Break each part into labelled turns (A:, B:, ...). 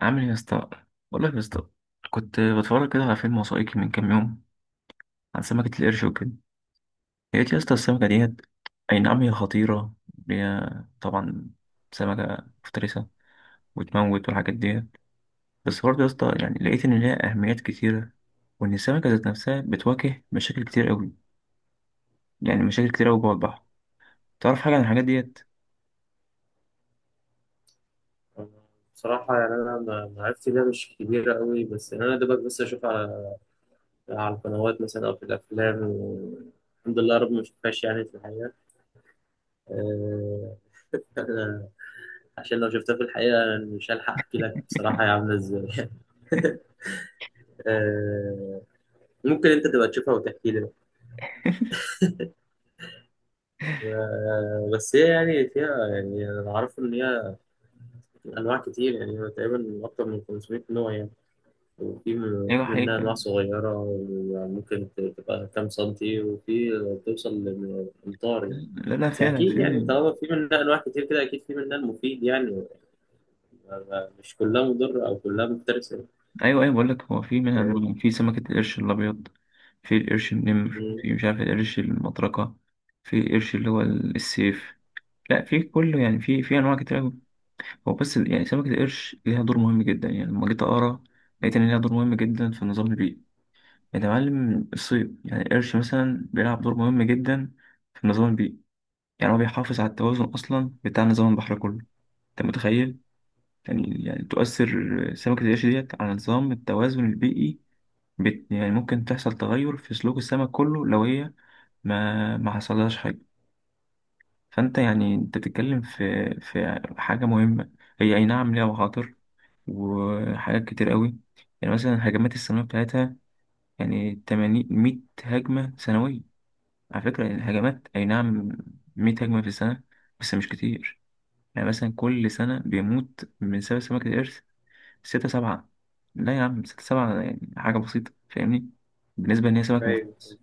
A: عامل ايه يا اسطى؟ بقول لك يا اسطى، كنت بتفرج كده على فيلم وثائقي من كام يوم عن سمكة القرش وكده. لقيت يا اسطى السمكة ديت، أي نعم هي خطيرة، هي طبعا سمكة مفترسة وتموت والحاجات ديت، بس برضه يا اسطى يعني لقيت إن ليها أهميات كتيرة، وإن السمكة ذات نفسها بتواجه مشاكل كتير أوي، يعني مشاكل كتير أوي جوه البحر. تعرف حاجة عن الحاجات ديت؟
B: بصراحة يعني أنا معرفتي بيها مش كبيرة قوي، بس يعني أنا دوبك بس أشوف على على القنوات مثلا أو في الأفلام الحمد لله رب ما شفتهاش يعني في الحقيقة. أه... عشان لو شفتها في الحقيقة يعني مش هلحق أحكي لك بصراحة هي عاملة إزاي. أه... ممكن أنت تبقى تشوفها وتحكي لي. بس هي يعني فيها، يعني أنا أعرف إن هي أنواع كتير، يعني هو تقريبا أكتر من 500 نوع يعني. وفي
A: أيوة
B: في منها
A: حقيقة.
B: أنواع صغيرة، يعني ممكن تبقى كام سنتي، وفي توصل لأمتار يعني.
A: لا لا
B: بس
A: فعلا
B: أكيد
A: في.
B: يعني طالما في منها أنواع كتير كده، أكيد في منها المفيد يعني، مش كلها مضرة أو كلها مفترسة.
A: ايوه ايوه بقول لك، هو في منها
B: فاهم؟
A: أنواع. في سمكة القرش الابيض، في القرش النمر،
B: مم.
A: في مش عارف القرش المطرقة، في القرش اللي هو السيف. لا في كله يعني في انواع كتير أوي. هو بس يعني سمكة القرش ليها دور مهم جدا. يعني لما جيت اقرا لقيت ان ليها دور مهم جدا في النظام البيئي. يعني يا معلم الصيد، يعني القرش مثلا بيلعب دور مهم جدا في النظام البيئي. يعني هو بيحافظ على التوازن اصلا بتاع نظام البحر كله. انت متخيل يعني يعني تؤثر سمكة القرش ديت على نظام التوازن البيئي؟ بت يعني ممكن تحصل تغير في سلوك السمك كله لو هي ما حصلهاش حاجة. فأنت يعني أنت بتتكلم في حاجة مهمة. هي أي نعم ليها مخاطر وحاجات كتير قوي. يعني مثلا هجمات السنوية بتاعتها، يعني 80 100 هجمة سنوية، على فكرة. يعني الهجمات أي نعم 100 هجمة في السنة، بس مش كتير. يعني مثلا كل سنة بيموت من سبب سمكة القرش ستة سبعة. لا يا عم ستة سبعة يعني حاجة بسيطة، فاهمني، بالنسبة إن هي سمك
B: أيوه،
A: مفترس.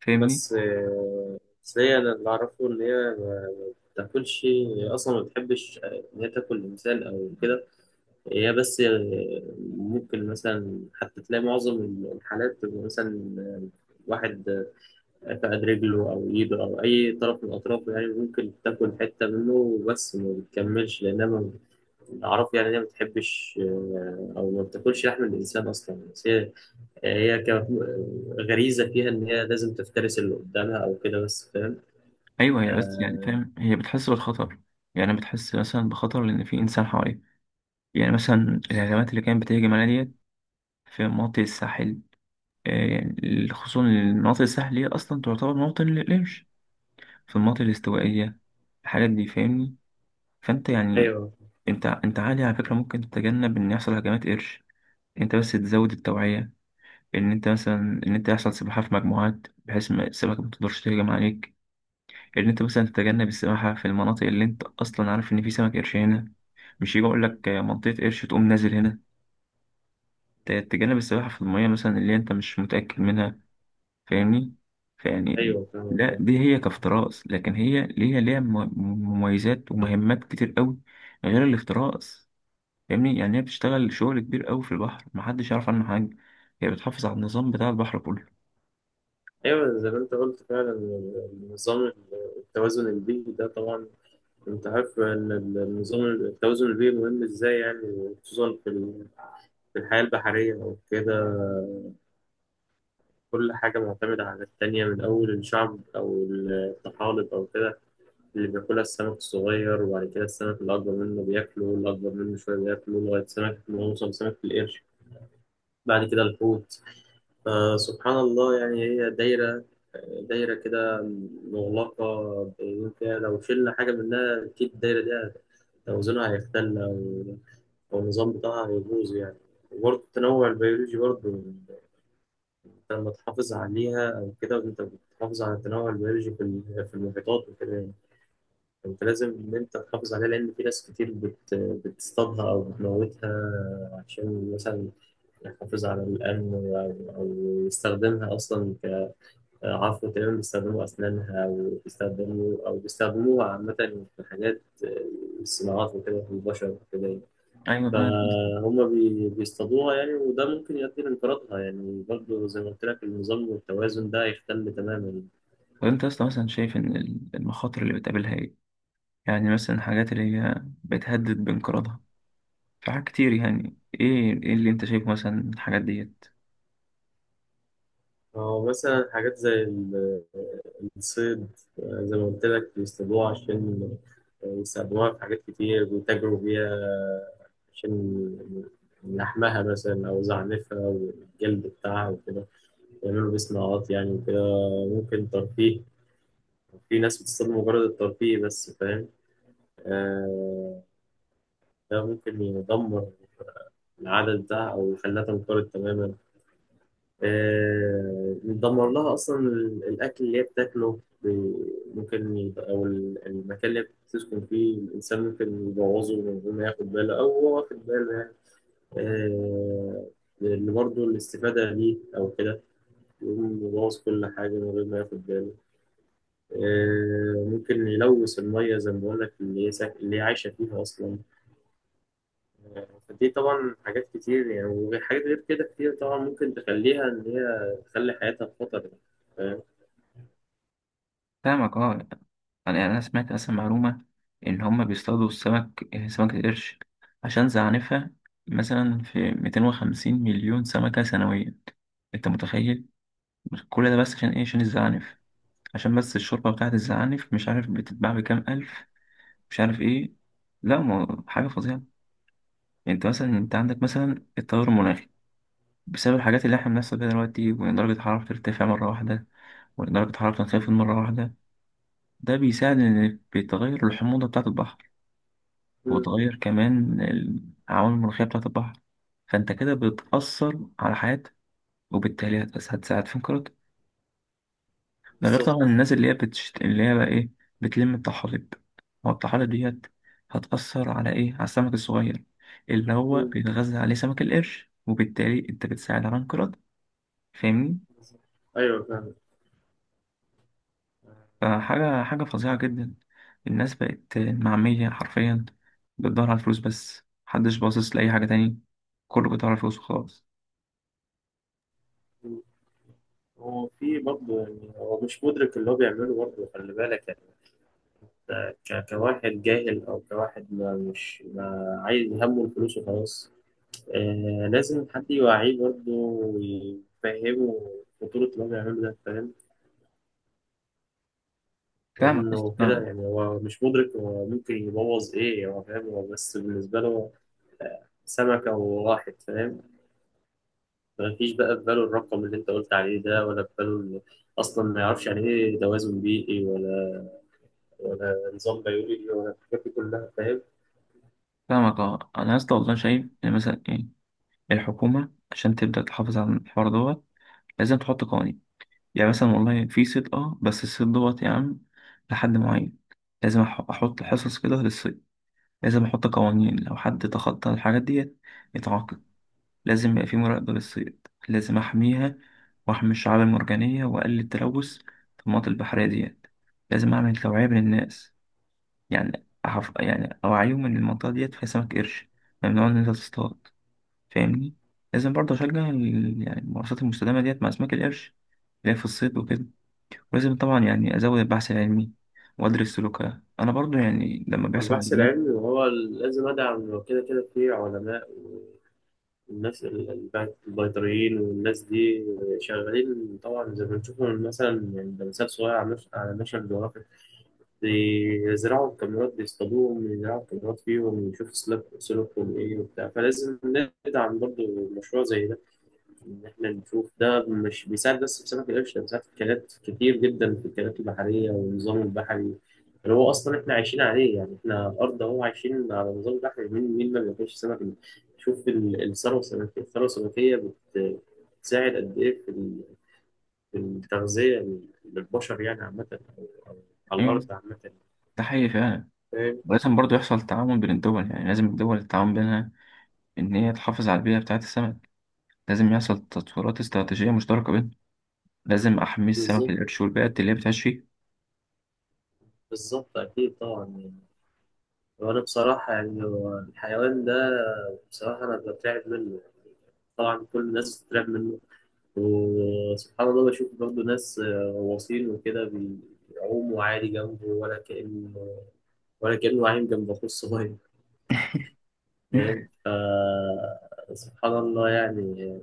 A: فاهمني؟
B: بس آه، بس هي، أنا اللي أعرفه إن هي ما بتاكلش، هي أصلا ما بتحبش آه، إن هي تاكل إنسان أو كده. هي بس آه، ممكن مثلا حتى تلاقي معظم الحالات بتبقى مثلا آه، واحد فقد رجله أو إيده أو أي طرف من أطرافه، يعني ممكن تاكل حتة منه بس ما بتكملش، لأنها أعرف يعني إن هي ما بتحبش آه، أو ما بتاكلش لحم الإنسان أصلا، بس هي هي ك- غريزة فيها إن هي لازم تفترس اللي قدامها أو كده، بس فاهم؟
A: ايوه هي بس
B: آه،
A: يعني فاهم، هي بتحس بالخطر، يعني بتحس مثلا بخطر لان في انسان حواليها. يعني مثلا الهجمات اللي كانت بتهجم عليها ديت في مناطق الساحل، آه، يعني خصوصا مناطق الساحل هي اصلا تعتبر موطن للقرش، في المناطق الاستوائيه، الحاجات دي، فاهمني. فانت يعني
B: أيوه.
A: انت عادي على فكره ممكن تتجنب ان يحصل هجمات قرش. انت بس تزود التوعيه، ان انت مثلا، ان انت يحصل سباحه في مجموعات، بحيث ما السمكه ما تقدرش تهجم عليك. ان انت مثلا تتجنب السباحه في المناطق اللي انت اصلا عارف ان في سمك قرش هنا. مش يجي اقول
B: مم.
A: لك منطقه قرش تقوم نازل هنا. تتجنب السباحه في الميه مثلا اللي انت مش متاكد منها، فاهمني. فيعني
B: أيوه
A: لا
B: فاهم.
A: دي هي كافتراس، لكن هي ليها مميزات ومهمات كتير قوي غير الافتراس. فاهمني؟ يعني هي بتشتغل شغل كبير قوي في البحر، محدش يعرف عنه حاجه. هي بتحافظ على النظام بتاع البحر كله.
B: أيوه زي ما أنت قلت فعلا، النظام التوازن البيئي ده طبعا. أنت عارف إن النظام التوازن البيئي مهم إزاي، يعني خصوصا في الحياة البحرية أو كده. كل حاجة معتمدة على التانية، من أول الشعب أو الطحالب أو كده اللي بياكلها السمك الصغير، وبعد كده السمك الأكبر منه بياكله، والأكبر منه شوية بياكله، لغاية سمك ما يوصل سمك القرش، بعد كده الحوت. فسبحان الله يعني هي دايرة، كده مغلقة، بيقولوا فيها لو شلنا حاجة منها أكيد الدايرة دي توازنها هيختل، أو أو النظام بتاعها هيبوظ يعني. وبرضه التنوع البيولوجي برضه، لما تحافظ عليها أو كده، وأنت بتحافظ على التنوع البيولوجي في المحيطات وكده يعني. أنت لازم إن أنت تحافظ عليها، لأن في ناس كتير بتصطادها أو بتموتها، عشان مثلا يحافظ على الأمن أو أو يستخدمها أصلا كعفو، تقريبا بيستخدموا أسنانها أو بيستخدموا أو بيستخدموها عامة في حاجات الصناعات وكده في البشر وكده يعني.
A: ايوه فعلا.
B: فهم بيصطادوها يعني، وده ممكن يؤدي لانقراضها، يعني برضه زي ما قلت لك النظام والتوازن ده هيختل تماما يعني.
A: طب انت اصلا مثلا شايف ان المخاطر اللي بتقابلها ايه؟ يعني مثلا الحاجات اللي هي بتهدد بانقراضها، في حاجات كتير، يعني ايه ايه اللي انت شايفه مثلا من الحاجات ديت؟
B: أو مثلا حاجات زي الصيد، آه، زي ما قلت لك بيصطادوها عشان يستخدموها في حاجات كتير، بيتاجروا بيها عشان لحمها مثلا، أو زعنفها والجلد بتاعها وكده، يعملوا بيه صناعات يعني وكده. ممكن ترفيه، في ناس بتصطاد مجرد الترفيه بس، فاهم؟ آه، ده ممكن يدمر العدد ده او خلاها تنقرض تماما. آه، دمر لها اصلا الاكل اللي هي بتاكله ممكن المكان اللي هي بتسكن فيه، الانسان ممكن يبوظه من غير ما ياخد باله، او هو واخد باله يعني. آه، اللي برضه الاستفادة ليه أو كده، يقوم يبوظ كل حاجة من غير ما ياخد باله. آه، ممكن يلوث المية زي ما بقول لك، اللي هي اللي هي عايشة فيها أصلا. فدي طبعا حاجات كتير يعني، وحاجات غير كده كتير طبعا، ممكن تخليها إن هي تخلي حياتها في خطر يعني. فاهم؟
A: فاهمك اه. يعني انا سمعت اصلا معلومة ان هما بيصطادوا السمك، آه، سمكة القرش، عشان زعنفها، مثلا في 250 مليون سمكة سنويا. انت متخيل؟ كل ده بس عشان ايه؟ عشان الزعانف، عشان بس الشوربة بتاعت الزعانف مش عارف بتتباع بكام ألف، مش عارف ايه. لا ما هو حاجة فظيعة. انت مثلا انت عندك مثلا التغير المناخي بسبب الحاجات اللي احنا بنحصل بيها دلوقتي، وإن درجة الحرارة بترتفع مرة واحدة وإن درجة الحرارة بتنخفض مرة واحدة، ده بيساعد إن بيتغير الحموضة بتاعة البحر
B: مم،
A: وتغير كمان العوامل المناخية بتاعة البحر. فأنت كده بتأثر على حياة، وبالتالي هتساعد في انقراض. ده غير طبعا
B: بالظبط.
A: الناس اللي هي اللي هي بقى إيه، بتلم الطحالب. هو الطحالب ديت هتأثر على إيه، على السمك الصغير اللي هو
B: مم،
A: بيتغذى عليه سمك القرش، وبالتالي أنت بتساعد على انقراض، فاهمني.
B: أيوه فاهم.
A: فحاجة فظيعة جدا. الناس بقت معمية حرفيا، بتدور على الفلوس بس، محدش باصص لأي حاجة تاني، كله بيدور على الفلوس وخلاص.
B: مم. هو في برضه يعني، هو مش مدرك اللي هو بيعمله برضه، خلي بالك يعني. كواحد جاهل، أو كواحد ما عايز همه الفلوس وخلاص. آه، لازم حد يوعيه برضه ويفهمه خطورة اللي هو بيعمله ده، فاهم؟
A: فاهمك يا اسطى،
B: لأنه كده
A: فاهمك.
B: يعني هو مش مدرك، هو ممكن يبوظ إيه، هو فاهم هو بس بالنسبة له سمكة وواحد، فاهم؟ مفيش بقى في باله الرقم اللي انت قلت عليه ده، ولا في باله اصلا ما يعرفش يعني ايه توازن بيئي، ولا ولا نظام بيولوجي، ولا الحاجات دي كلها، فاهم؟
A: فاهمك اه. أنا يا اسطى والله شايف إن مثلا إيه، الحكومة عشان تبدأ تحافظ على الحوار دوت لازم تحط قوانين. يعني مثلا والله في صيد، اه بس الصيد دوت يا عم لحد معين. لازم أحط حصص كده للصيد. لازم أحط قوانين، لو حد تخطى الحاجات ديت يتعاقب. لازم يبقى في مراقبة للصيد، لازم أحميها وأحمي الشعاب المرجانية وأقلل التلوث في المناطق البحرية ديت. لازم أعمل توعية بين الناس، يعني يعني أوعيهم إن المنطقة ديت فيها سمك قرش، ممنوع إن أنت تصطاد، فاهمني. لازم برضه أشجع يعني الممارسات المستدامة ديت مع أسماك القرش، اللي هي في الصيد وكده. ولازم طبعا يعني أزود البحث العلمي وأدرس سلوكها أنا برضه، يعني لما
B: هو
A: بيحصل
B: البحث
A: هجمات.
B: العلمي، وهو لازم ادعم، كده في علماء والناس البيطريين والناس دي شغالين طبعا، زي ما بنشوفهم مثلا من لمسات صغيرة على على نشر، بيزرعوا الكاميرات، بيصطادوهم يزرعوا الكاميرات فيهم ويشوفوا سلوك سلوكهم إيه وبتاع. فلازم ندعم برضه مشروع زي ده، إن إحنا نشوف ده مش بيساعد بس في سمك القرش، ده بيساعد في أكلات كتير جدا، في الأكلات البحرية والنظام البحري اللي هو أصلا إحنا عايشين عليه يعني. إحنا أرض أهو عايشين على نظام بحري، مين ما بياكلش سمك؟ شوف الثروة السمكية، الثروة السمكية بتساعد قد إيه في التغذية للبشر يعني عامة، على الأرض
A: أيوة،
B: عامة،
A: ده حقيقي فعلا.
B: فاهم؟
A: ولازم برضه يحصل تعاون بين الدول. يعني لازم الدول التعاون بينها إن هي تحافظ على البيئة بتاعة السمك. لازم يحصل تطويرات استراتيجية مشتركة بينهم. لازم أحمي السمك
B: بالظبط،
A: القرش والبيئة اللي هي بتعيش فيه.
B: بالظبط أكيد طبعا يعني. وأنا بصراحة يعني، هو الحيوان ده بصراحة أنا بترعب منه، طبعا كل الناس بتترعب منه. وسبحان الله بشوف برضه ناس آه، غواصين وكده، بيعوموا عادي جنبه ولا كأن، ولا كأنه عايم جنب أخوه الصغير. فاهم؟ سبحان الله يعني.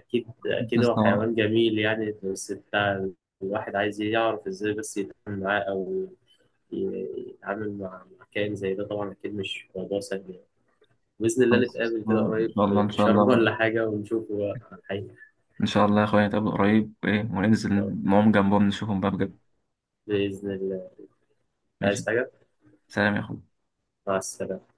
B: أكيد هو
A: خلصنا.
B: حيوان جميل يعني، بس بتاع الواحد عايز يعرف إزاي بس يتعامل معاه، أو ي- يتعامل مع مع كائن زي ده، طبعا أكيد مش موضوع سهل يعني. بإذن الله نتقابل كده
A: خلصنا إن
B: قريب
A: شاء الله،
B: في
A: إن شاء
B: شرم
A: الله.
B: ولا حاجة، ونشوف بقى الحقيقة.
A: إن شاء الله يا أخويا نتقابل قريب وإيه وننزل نقوم جنبهم نشوفهم بقى بجد.
B: بإذن الله. عايز
A: ماشي،
B: حاجة؟
A: سلام يا أخويا.
B: مع السلامة.